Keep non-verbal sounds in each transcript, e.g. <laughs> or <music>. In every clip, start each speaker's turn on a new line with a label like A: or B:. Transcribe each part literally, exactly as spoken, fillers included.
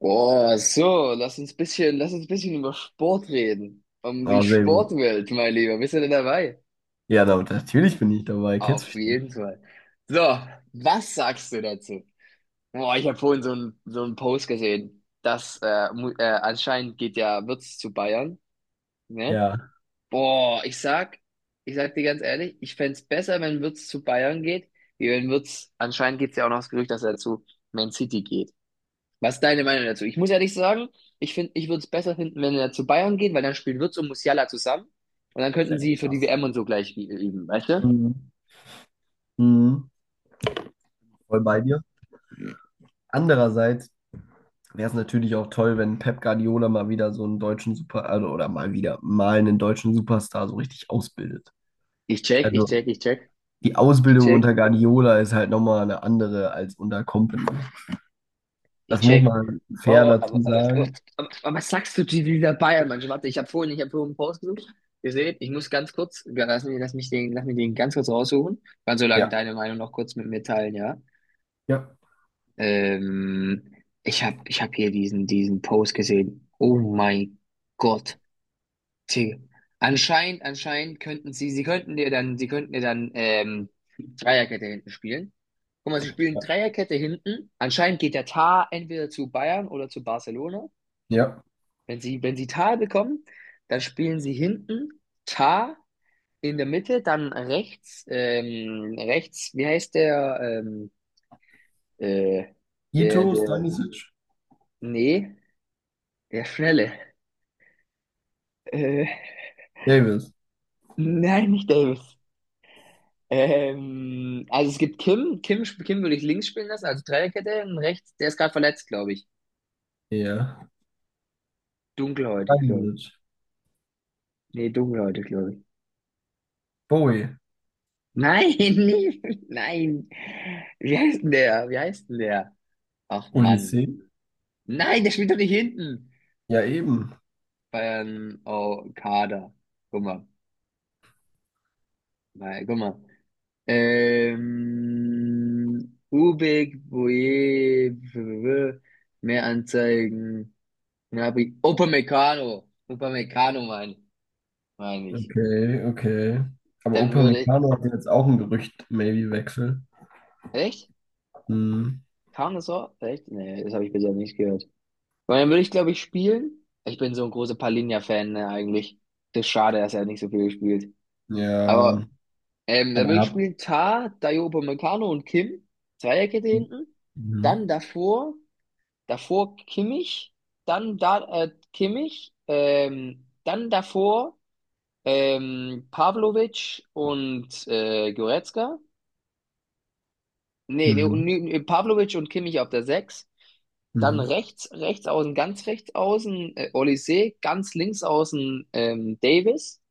A: Boah, so, lass uns bisschen, lass uns bisschen über Sport reden. Um die
B: Ah, sehr gut.
A: Sportwelt, mein Lieber. Bist du denn dabei?
B: Ja, da, natürlich bin ich dabei. Kennst
A: Auf
B: mich doch.
A: jeden Fall. So, was sagst du dazu? Boah, ich habe vorhin so einen so einen Post gesehen, dass äh, mu- äh, anscheinend geht ja Wirtz zu Bayern, ne?
B: Ja,
A: Boah, ich sag, ich sag dir ganz ehrlich, ich fänd's besser, wenn Wirtz zu Bayern geht, wie wenn Wirtz, anscheinend gibt's ja auch noch das Gerücht, dass er zu Man City geht. Was ist deine Meinung dazu? Ich muss ehrlich sagen, ich finde, ich würde es besser finden, wenn er zu Bayern geht, weil dann spielen Wirtz und Musiala zusammen und dann könnten
B: sehr
A: sie für die
B: krass.
A: W M und so gleich ü- üben, weißt du?
B: Mhm. Mhm. Voll bei dir. Andererseits wäre es natürlich auch toll, wenn Pep Guardiola mal wieder so einen deutschen Super, also, oder mal wieder mal einen deutschen Superstar so richtig ausbildet.
A: Ich check, ich
B: Also
A: check, ich check,
B: die
A: ich
B: Ausbildung
A: check,
B: unter Guardiola ist halt nochmal eine andere als unter Kompany.
A: ich
B: Das muss
A: check.
B: man fair
A: Oh, aber,
B: dazu
A: aber, aber,
B: sagen.
A: aber aber was sagst du zu dieser Bayern-Mannschaft? Warte, ich habe vorhin, ich habe vorhin einen Post gesucht. Ihr seht, ich muss ganz kurz, ja, lass mich, lass mich den, lass mich den ganz kurz raussuchen. Kannst so lange
B: Ja.
A: deine Meinung noch kurz mit mir teilen, ja?
B: Ja.
A: Ähm, ich habe, ich habe hier diesen, diesen Post gesehen. Oh mein Gott. Tee. Anscheinend, anscheinend könnten sie, sie könnten dir dann, sie könnten dir dann ähm, Dreierkette hinten spielen. Guck mal, sie spielen
B: Ja.
A: Dreierkette hinten. Anscheinend geht der Tar entweder zu Bayern oder zu Barcelona.
B: Ja.
A: Wenn sie, wenn sie Tar bekommen, dann spielen sie hinten Tar in der Mitte, dann rechts, ähm, rechts, wie heißt der, ähm, äh,
B: Ito,
A: der, der,
B: Stanisic,
A: nee, der Schnelle. Äh,
B: Davis.
A: nein, nicht Davis. Ähm, also es gibt Kim. Kim, sp- Kim würde ich links spielen lassen, also Dreierkette. Und rechts, der ist gerade verletzt, glaube ich.
B: Ja.
A: Dunkelhäutig, glaube ich.
B: Stanisic,
A: Nee, dunkelhäutig, glaube ich.
B: Bowie,
A: Nein, <laughs> nee, nein. Wie heißt denn der? Wie heißt denn der? Ach
B: Olise.
A: Mann. Nein, der spielt doch nicht hinten.
B: Ja, eben.
A: Bayern, oh, Kader. Guck mal. Nein, guck mal. Ähm, Ubik, Boye, Mehranzeigen. Ja, wie Upamecano. Upamecano meine mein ich.
B: Okay, okay. Aber
A: Dann würde ich.
B: Upamecano hat jetzt auch ein Gerücht, maybe Wechsel.
A: Echt?
B: Hm.
A: Kam das so? Echt? Nee, das habe ich bisher nicht gehört. Weil dann würde ich, glaube ich, spielen. Ich bin so ein großer Palinja-Fan, ne, eigentlich. Das ist schade, dass er nicht so viel gespielt.
B: Ja,
A: Aber ähm, dann
B: aber
A: würde
B: er
A: ich
B: hat.
A: spielen Tah, Dayo Upamecano und Kim. Dreierkette hinten.
B: Mhm.
A: Dann davor, davor Kimmich. Dann da äh, Kimmich. Ähm, dann davor. Ähm, Pavlovic und äh, Goretzka. Nee, nee, und-
B: Mhm.
A: nee, Pavlovic und Kimmich auf der sechs. Dann
B: Mhm.
A: rechts, rechts außen, ganz rechts außen, äh, Olise, ganz links außen, ähm, Davis.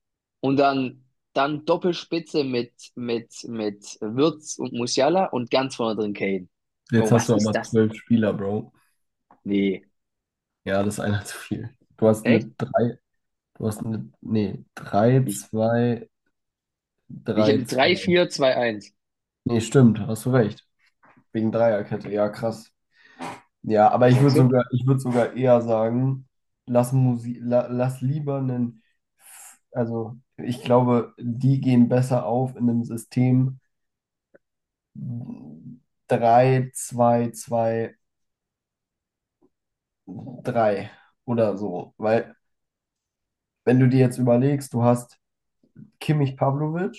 A: Und dann, dann Doppelspitze mit, mit, mit Wirtz und Musiala und ganz vorne drin Kane.
B: Jetzt
A: Bro,
B: hast
A: was
B: du
A: ist
B: aber
A: das?
B: zwölf Spieler, Bro.
A: Nee,
B: Ja, das ist einer zu viel. Du hast
A: echt?
B: eine drei, du hast eine, nee, drei
A: Ich,
B: zwei
A: ich
B: drei
A: habe drei
B: zwei.
A: vier zwei eins.
B: Nee, stimmt, hast du recht. Wegen Dreierkette, ja, krass. Ja, aber
A: Was
B: ich
A: sagst
B: würde
A: du?
B: sogar, ich würde sogar eher sagen, lass Musik, la, lass lieber einen, also ich glaube, die gehen besser auf in einem System drei zwei zwei drei oder so. Weil, wenn du dir jetzt überlegst, du hast Kimmich Pavlovic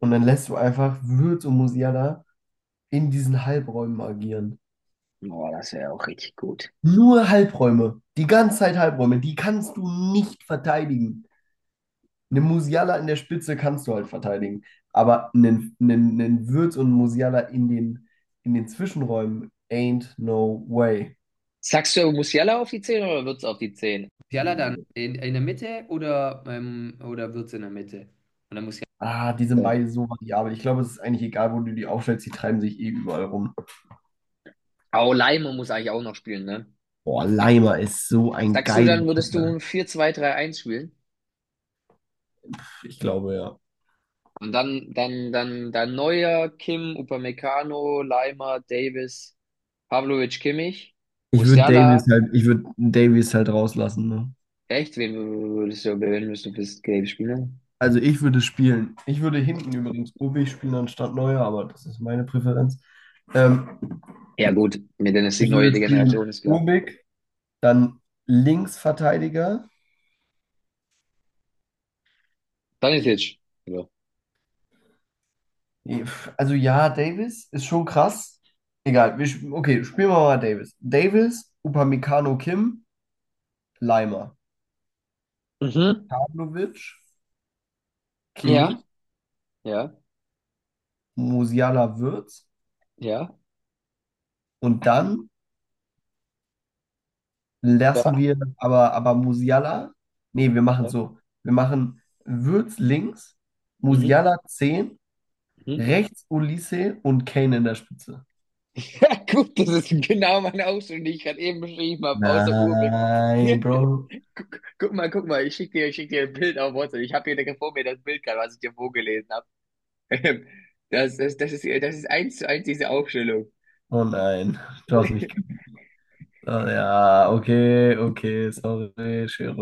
B: und dann lässt du einfach Wirtz und Musiala in diesen Halbräumen agieren.
A: Boah, das wäre auch richtig gut.
B: Nur Halbräume, die ganze Zeit Halbräume, die kannst du nicht verteidigen. Einen Musiala in der Spitze kannst du halt verteidigen, aber einen, einen, einen Wirtz und einen Musiala in den, in den Zwischenräumen ain't no way.
A: Sagst du er muss Musiala auf die zehn oder wird's auf die zehn? Musiala dann in, in der Mitte oder, ähm, oder wird's in der Mitte? Und dann Musiala.
B: Ah, die sind
A: Ja.
B: beide so variabel. Ich glaube, es ist eigentlich egal, wo du die aufstellst, die treiben sich eh überall rum.
A: Aber Leimer muss eigentlich auch noch spielen, ne?
B: Boah, Leimer ist so ein
A: Sagst du,
B: geiler
A: dann würdest du
B: Kicker.
A: ein vier zwei-drei eins spielen?
B: Ich glaube, ja.
A: Und dann, dann, dann, dann Neuer, Kim, Upamecano, Leimer, Davis, Pavlovic, Kimmich,
B: Ich würde Davies
A: Musiala.
B: halt, ich würde Davies halt rauslassen, ne?
A: Echt? Wen würdest du, wen würdest du fürs Gelb spielen?
B: Also ich würde spielen. Ich würde hinten übrigens Ubi spielen anstatt Neuer, aber das ist meine Präferenz. Ähm,
A: Ja, gut. Mit der
B: Ich
A: neue
B: würde
A: Generation
B: spielen
A: ist klar.
B: Urbik. Dann Linksverteidiger.
A: Stanisic. Ja.
B: Also ja, Davis ist schon krass. Egal, wir, sp- okay, spielen wir mal Davis. Davis, Upamecano Kim, Leimer,
A: Mhm.
B: Pavlovic,
A: Ja,
B: Kimmich,
A: ja,
B: Musiala Wirtz
A: ja.
B: und dann lassen
A: Ja.
B: wir aber, aber Musiala, nee, wir machen
A: ja.
B: so, wir machen Wirtz links,
A: Mhm.
B: Musiala zehn,
A: Mhm. <laughs>
B: rechts Olise und Kane in der Spitze.
A: Ja, gut, das ist genau meine Ausstellung, die ich gerade eben beschrieben habe, außer Urbeck.
B: Nein, Bro.
A: <laughs> Guck, guck mal, guck mal, ich schicke dir, ich schick dir ein Bild auf WhatsApp. Ich habe hier direkt vor mir das Bild gerade, was ich dir vorgelesen habe. <laughs> Das, das, das ist, das ist eins zu eins diese Aufstellung.
B: Oh nein, du hast
A: <laughs>
B: mich. Ah, ja, okay, okay, sorry,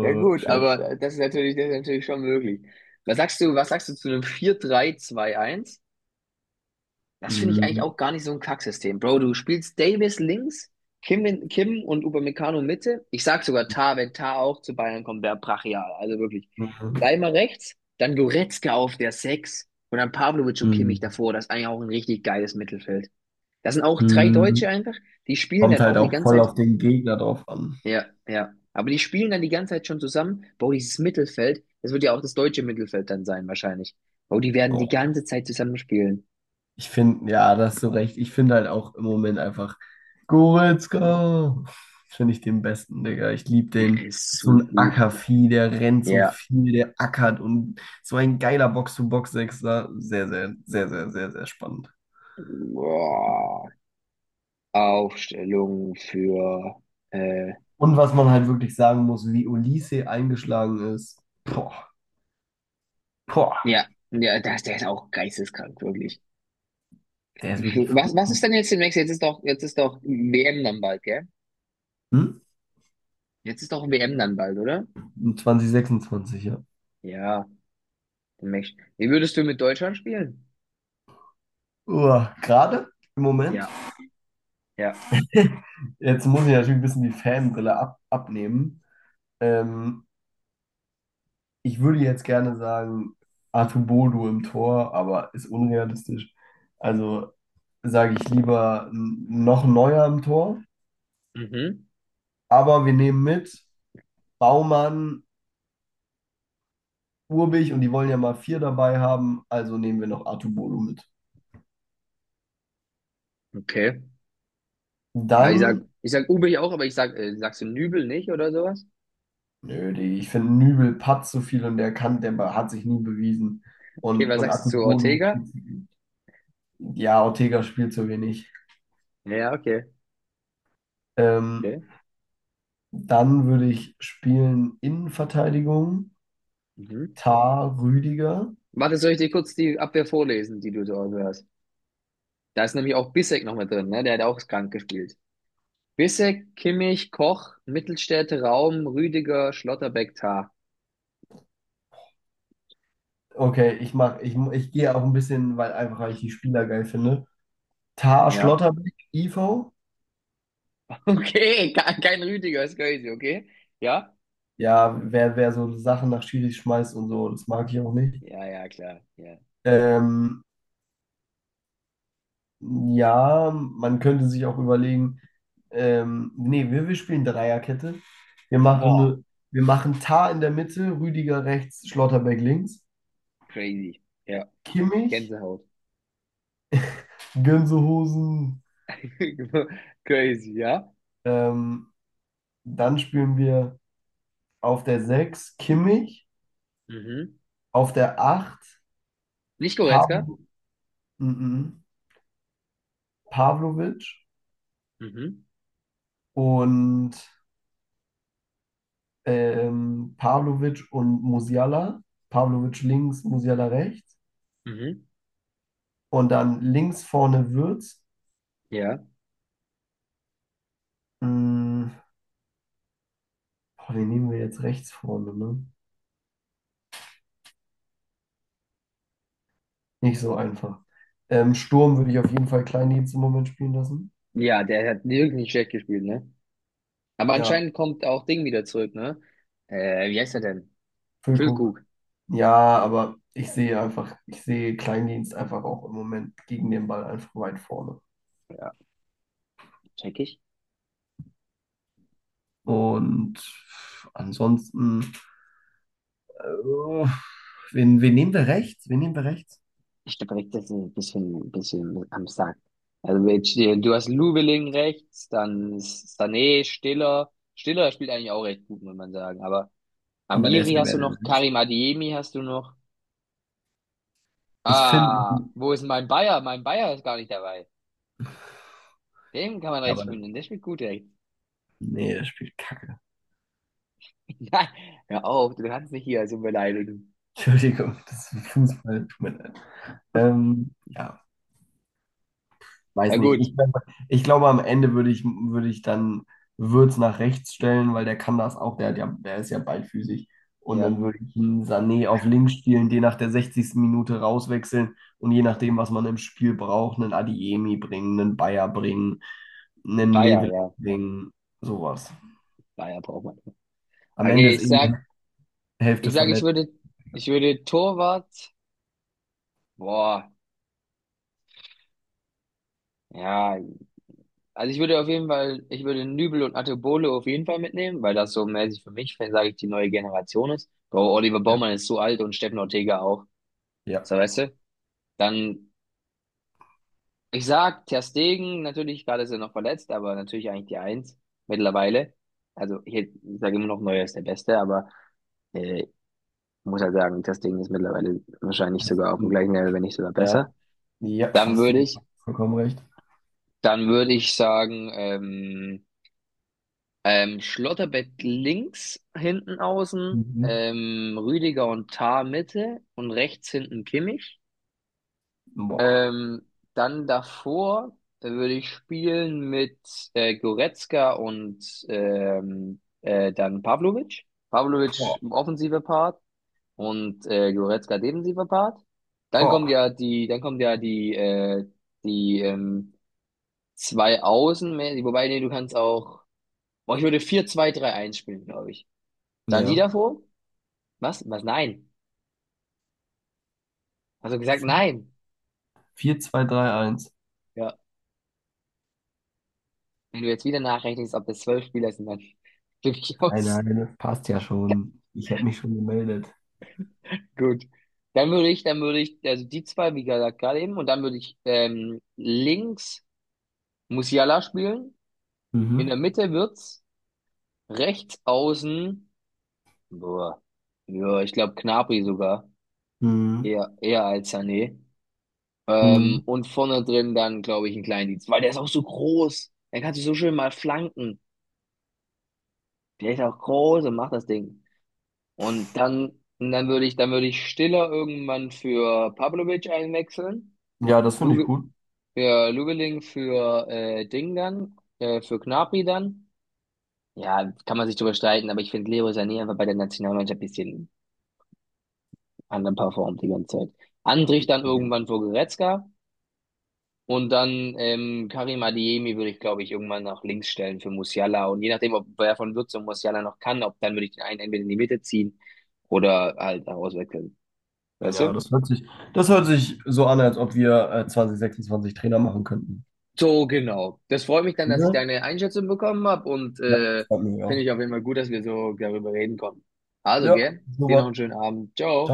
A: Ja gut,
B: Schere.
A: aber das ist natürlich, das ist natürlich schon möglich. Was sagst du, was sagst du zu einem vier drei zwei eins? Das finde ich eigentlich
B: Mhm.
A: auch gar nicht so ein Kacksystem. Bro, du spielst Davis links, Kim, in, Kim und Upamecano Mitte. Ich sag sogar Tah, wenn Tah auch zu Bayern kommt, wäre brachial. Also wirklich.
B: Mhm.
A: Leimer rechts, dann Goretzka auf der Sechs und dann Pavlovic und Kimmich
B: Mhm.
A: davor. Das ist eigentlich auch ein richtig geiles Mittelfeld. Das sind auch drei Deutsche
B: Mhm.
A: einfach. Die spielen
B: Kommt
A: dann
B: halt
A: auch die
B: auch voll
A: ganze Zeit.
B: auf den Gegner drauf an.
A: Ja, ja. Aber die spielen dann die ganze Zeit schon zusammen. Bro, dieses Mittelfeld, das wird ja auch das deutsche Mittelfeld dann sein, wahrscheinlich. Bro, die werden die
B: Oh, ja.
A: ganze Zeit zusammen spielen.
B: Ich finde, ja, da hast du recht. Ich finde halt auch im Moment einfach Goretzka. Finde ich den besten, Digga. Ich liebe
A: Der
B: den.
A: ist
B: So
A: so
B: ein
A: gut.
B: Ackervieh, der rennt so
A: Ja.
B: viel, der ackert und so ein geiler Box-to-Box-Sechser. Sehr, sehr, sehr, sehr, sehr, sehr spannend.
A: Boah, Aufstellung für, äh,
B: Und was man halt wirklich sagen muss, wie Olise eingeschlagen ist. Boah. Boah,
A: ja, ja, das, der ist auch geisteskrank, wirklich.
B: der ist wirklich
A: Was,
B: verrückt
A: was
B: gut.
A: ist denn jetzt demnächst? Jetzt ist doch, jetzt ist doch W M dann bald, gell?
B: Hm?
A: Jetzt ist doch W M dann bald, oder?
B: zwanzig sechsundzwanzig, ja.
A: Ja, demnächst. Wie würdest du mit Deutschland spielen?
B: Uah, gerade im Moment.
A: Ja, ja.
B: <laughs> Jetzt muss ich natürlich ein bisschen die Fanbrille ab abnehmen. Ähm, ich würde jetzt gerne sagen, Artubodu im Tor, aber ist unrealistisch. Also sage ich lieber n- noch Neuer im Tor.
A: Mhm,
B: Aber wir nehmen mit Baumann, Urbich und die wollen ja mal vier dabei haben, also nehmen wir noch Artubodu mit.
A: okay. Ja, ich sag,
B: Dann.
A: ich sag Ubich auch, aber ich sag, äh, sagst du Nübel nicht oder sowas?
B: Nö, die, ich finde, Nübel patzt so viel und der kann, der hat sich nie bewiesen.
A: Okay,
B: Und,
A: was
B: und
A: sagst du zu
B: Atubolu,
A: Ortega?
B: ja, Ortega spielt zu wenig.
A: Ja, okay,
B: Ähm,
A: okay.
B: Dann würde ich spielen Innenverteidigung,
A: Mhm.
B: Tar Rüdiger.
A: Warte, soll ich dir kurz die Abwehr vorlesen, die du dort hast? Da ist nämlich auch Bissek noch mit drin, ne? Der hat auch krank gespielt. Bissek, Kimmich, Koch, Mittelstädte Raum, Rüdiger, Schlotterbeck, Tah.
B: Okay, ich mach, ich, ich gehe auch ein bisschen, weil einfach weil ich die Spieler geil finde. Tar
A: Ja. <laughs>
B: Schlotterbeck, Ivo.
A: Okay, ke- kein Rüdiger, ist crazy, okay? Ja?
B: Ja, wer, wer so Sachen nach Schiri schmeißt und so, das mag ich auch nicht.
A: Ja, ja, klar. Ja.
B: Ähm, Ja, man könnte sich auch überlegen, ähm, nee, wir, wir spielen Dreierkette. Wir machen,
A: Boah,
B: ne- wir machen Tah in der Mitte, Rüdiger rechts, Schlotterbeck links,
A: crazy. Ja,
B: Kimmich,
A: Gänsehaut.
B: Gönsehosen.
A: <laughs> Crazy, ja?
B: Ähm, Dann spielen wir auf der sechs Kimmich,
A: Mhm.
B: auf der acht
A: Nicht Goretzka?
B: Pavlo, mhm, Pavlovic
A: Mhm.
B: und ähm, Pavlovic und Musiala. Pavlovic links, Musiala rechts.
A: Mhm.
B: Und dann links vorne Wirtz.
A: Ja.
B: Mm, Boah, wen nehmen wir jetzt rechts vorne, ne? Nicht so einfach. Ähm, Sturm würde ich auf jeden Fall Kleindienst im Moment spielen lassen.
A: Ja, der hat wirklich nicht schlecht gespielt, ne? Aber
B: Ja,
A: anscheinend kommt auch Ding wieder zurück, ne? Äh, wie heißt er denn?
B: Füllkrug.
A: Füllkrug.
B: Ja, aber ich sehe einfach, ich sehe Kleindienst einfach auch im Moment gegen den Ball einfach weit vorne.
A: Ja, check ich.
B: Und ansonsten, äh, wen, wen nehmen wir rechts? Wen nehmen wir rechts?
A: Ich glaube, rechts ist ein bisschen, ein bisschen am Sack. Also jetzt, äh, du hast Lubeling rechts, dann ist Sané, Stiller. Stiller spielt eigentlich auch recht gut, muss man sagen. Aber
B: Aber der ist
A: Amiri
B: ja
A: hast
B: mehr
A: du
B: der
A: noch,
B: Sechs.
A: Karim Adeyemi hast du noch.
B: Ich finde,
A: Ah, wo ist mein Bayer? Mein Bayer ist gar nicht dabei. Den kann man rechts
B: aber
A: spielen, der spielt gut rechts.
B: nee, der spielt Kacke.
A: <laughs> Nein, hör auf, du kannst nicht hier so beleidigen.
B: <laughs> Entschuldigung, das ist Fußball, tut mir leid. Ähm, ja,
A: Na
B: weiß nicht.
A: gut,
B: Ich, glaub- ich glaube, am Ende würde ich, würde ich dann Würz nach rechts stellen, weil der kann das auch. Der, hat ja, der ist ja ballfüßig. Und
A: ja,
B: dann würde ich ihn Sané auf links spielen, den nach der sechzigsten Minute rauswechseln und je nachdem, was man im Spiel braucht, einen Adiemi bringen, einen Bayer bringen, einen
A: Bayer,
B: Level
A: ja,
B: bringen, sowas.
A: Bayer braucht man.
B: Am Ende
A: Okay,
B: ist
A: ich
B: eh die
A: sag, ich
B: Hälfte
A: sag, ich
B: verletzt.
A: würde, ich würde Torwart, boah, ja. Also ich würde auf jeden Fall, ich würde Nübel und Atebolo auf jeden Fall mitnehmen, weil das so mäßig für mich, sage ich, die neue Generation ist. Bro, Oliver Baumann ist so alt und Steffen Ortega auch.
B: Ja.
A: So, weißt du? Dann, ich sag, Ter Stegen, natürlich, gerade ist er noch verletzt, aber natürlich eigentlich die Eins mittlerweile. Also ich hätt- ich sage immer noch, Neuer ist der Beste, aber äh, muss halt sagen, Ter Stegen ist mittlerweile wahrscheinlich sogar auf dem gleichen Level, wenn nicht sogar besser.
B: Ja. Ja,
A: Dann
B: hast du
A: würde ich,
B: vollkommen recht.
A: dann würde ich sagen, ähm, Ähm, Schlotterbeck links hinten außen,
B: Mhm.
A: ähm, Rüdiger und Tah Mitte und rechts hinten Kimmich.
B: Boah.
A: Ähm, Dann davor äh, würde ich spielen mit äh, Goretzka und ähm, äh, dann Pavlovic. Pavlovic
B: Boah.
A: im offensive Part und äh, Goretzka defensiver Part. Dann kommt
B: Boah.
A: ja die, dann kommt ja die, äh, die ähm, zwei Außen, wobei nee, du kannst auch, boah, ich würde vier zwei drei eins spielen, glaube ich. Dann die
B: Ja.
A: davor? Was? Was? Nein. Hast du gesagt nein?
B: Vier zwei drei eins.
A: Ja. Wenn du jetzt wieder nachrechnest, ob das zwölf Spieler sind, dann <laughs> bin ich
B: Nein,
A: aus.
B: nein, das passt ja schon. Ich hätte mich schon gemeldet.
A: Gut. Dann würde ich, dann würde ich, also die zwei, wie gesagt, gerade eben, und dann würde ich ähm, links Musiala spielen. In der
B: Mhm.
A: Mitte wird's rechts außen. Boah. Ja, ich glaube Gnabry sogar.
B: Mhm.
A: Eher, eher als Sané. Ähm,
B: Mhm.
A: und vorne drin dann, glaube ich, einen Kleindienst, weil der ist auch so groß. Er kann sich so schön mal flanken. Der ist auch groß und macht das Ding. Und dann, und dann würde ich, dann würde ich Stiller irgendwann für Pavlovic einwechseln.
B: Ja, das finde ich
A: Luge,
B: gut.
A: für Lugeling, für äh, Ding dann, äh, für Gnabry dann. Ja, kann man sich drüber streiten, aber ich finde Leroy Sané einfach bei der Nationalmannschaft ein bisschen anderen performt die ganze Zeit. Andrich dann irgendwann für Goretzka und dann ähm, Karim Adeyemi würde ich, glaube ich, irgendwann nach links stellen für Musiala. Und je nachdem, ob wer von Würz und Musiala noch kann, ob dann würde ich den einen entweder in die Mitte ziehen oder halt auswechseln. Weißt
B: Ja,
A: du?
B: das hört sich, das hört sich so an, als ob wir äh, zwanzig sechsundzwanzig Trainer machen könnten.
A: So, genau. Das freut mich dann, dass ich
B: Ja,
A: deine Einschätzung bekommen habe und
B: ja,
A: äh,
B: freut mich
A: finde
B: auch.
A: ich auf jeden Fall gut, dass wir so darüber reden konnten. Also,
B: Ja,
A: gell? Dir noch einen
B: super.
A: schönen Abend.
B: Ciao.
A: Ciao.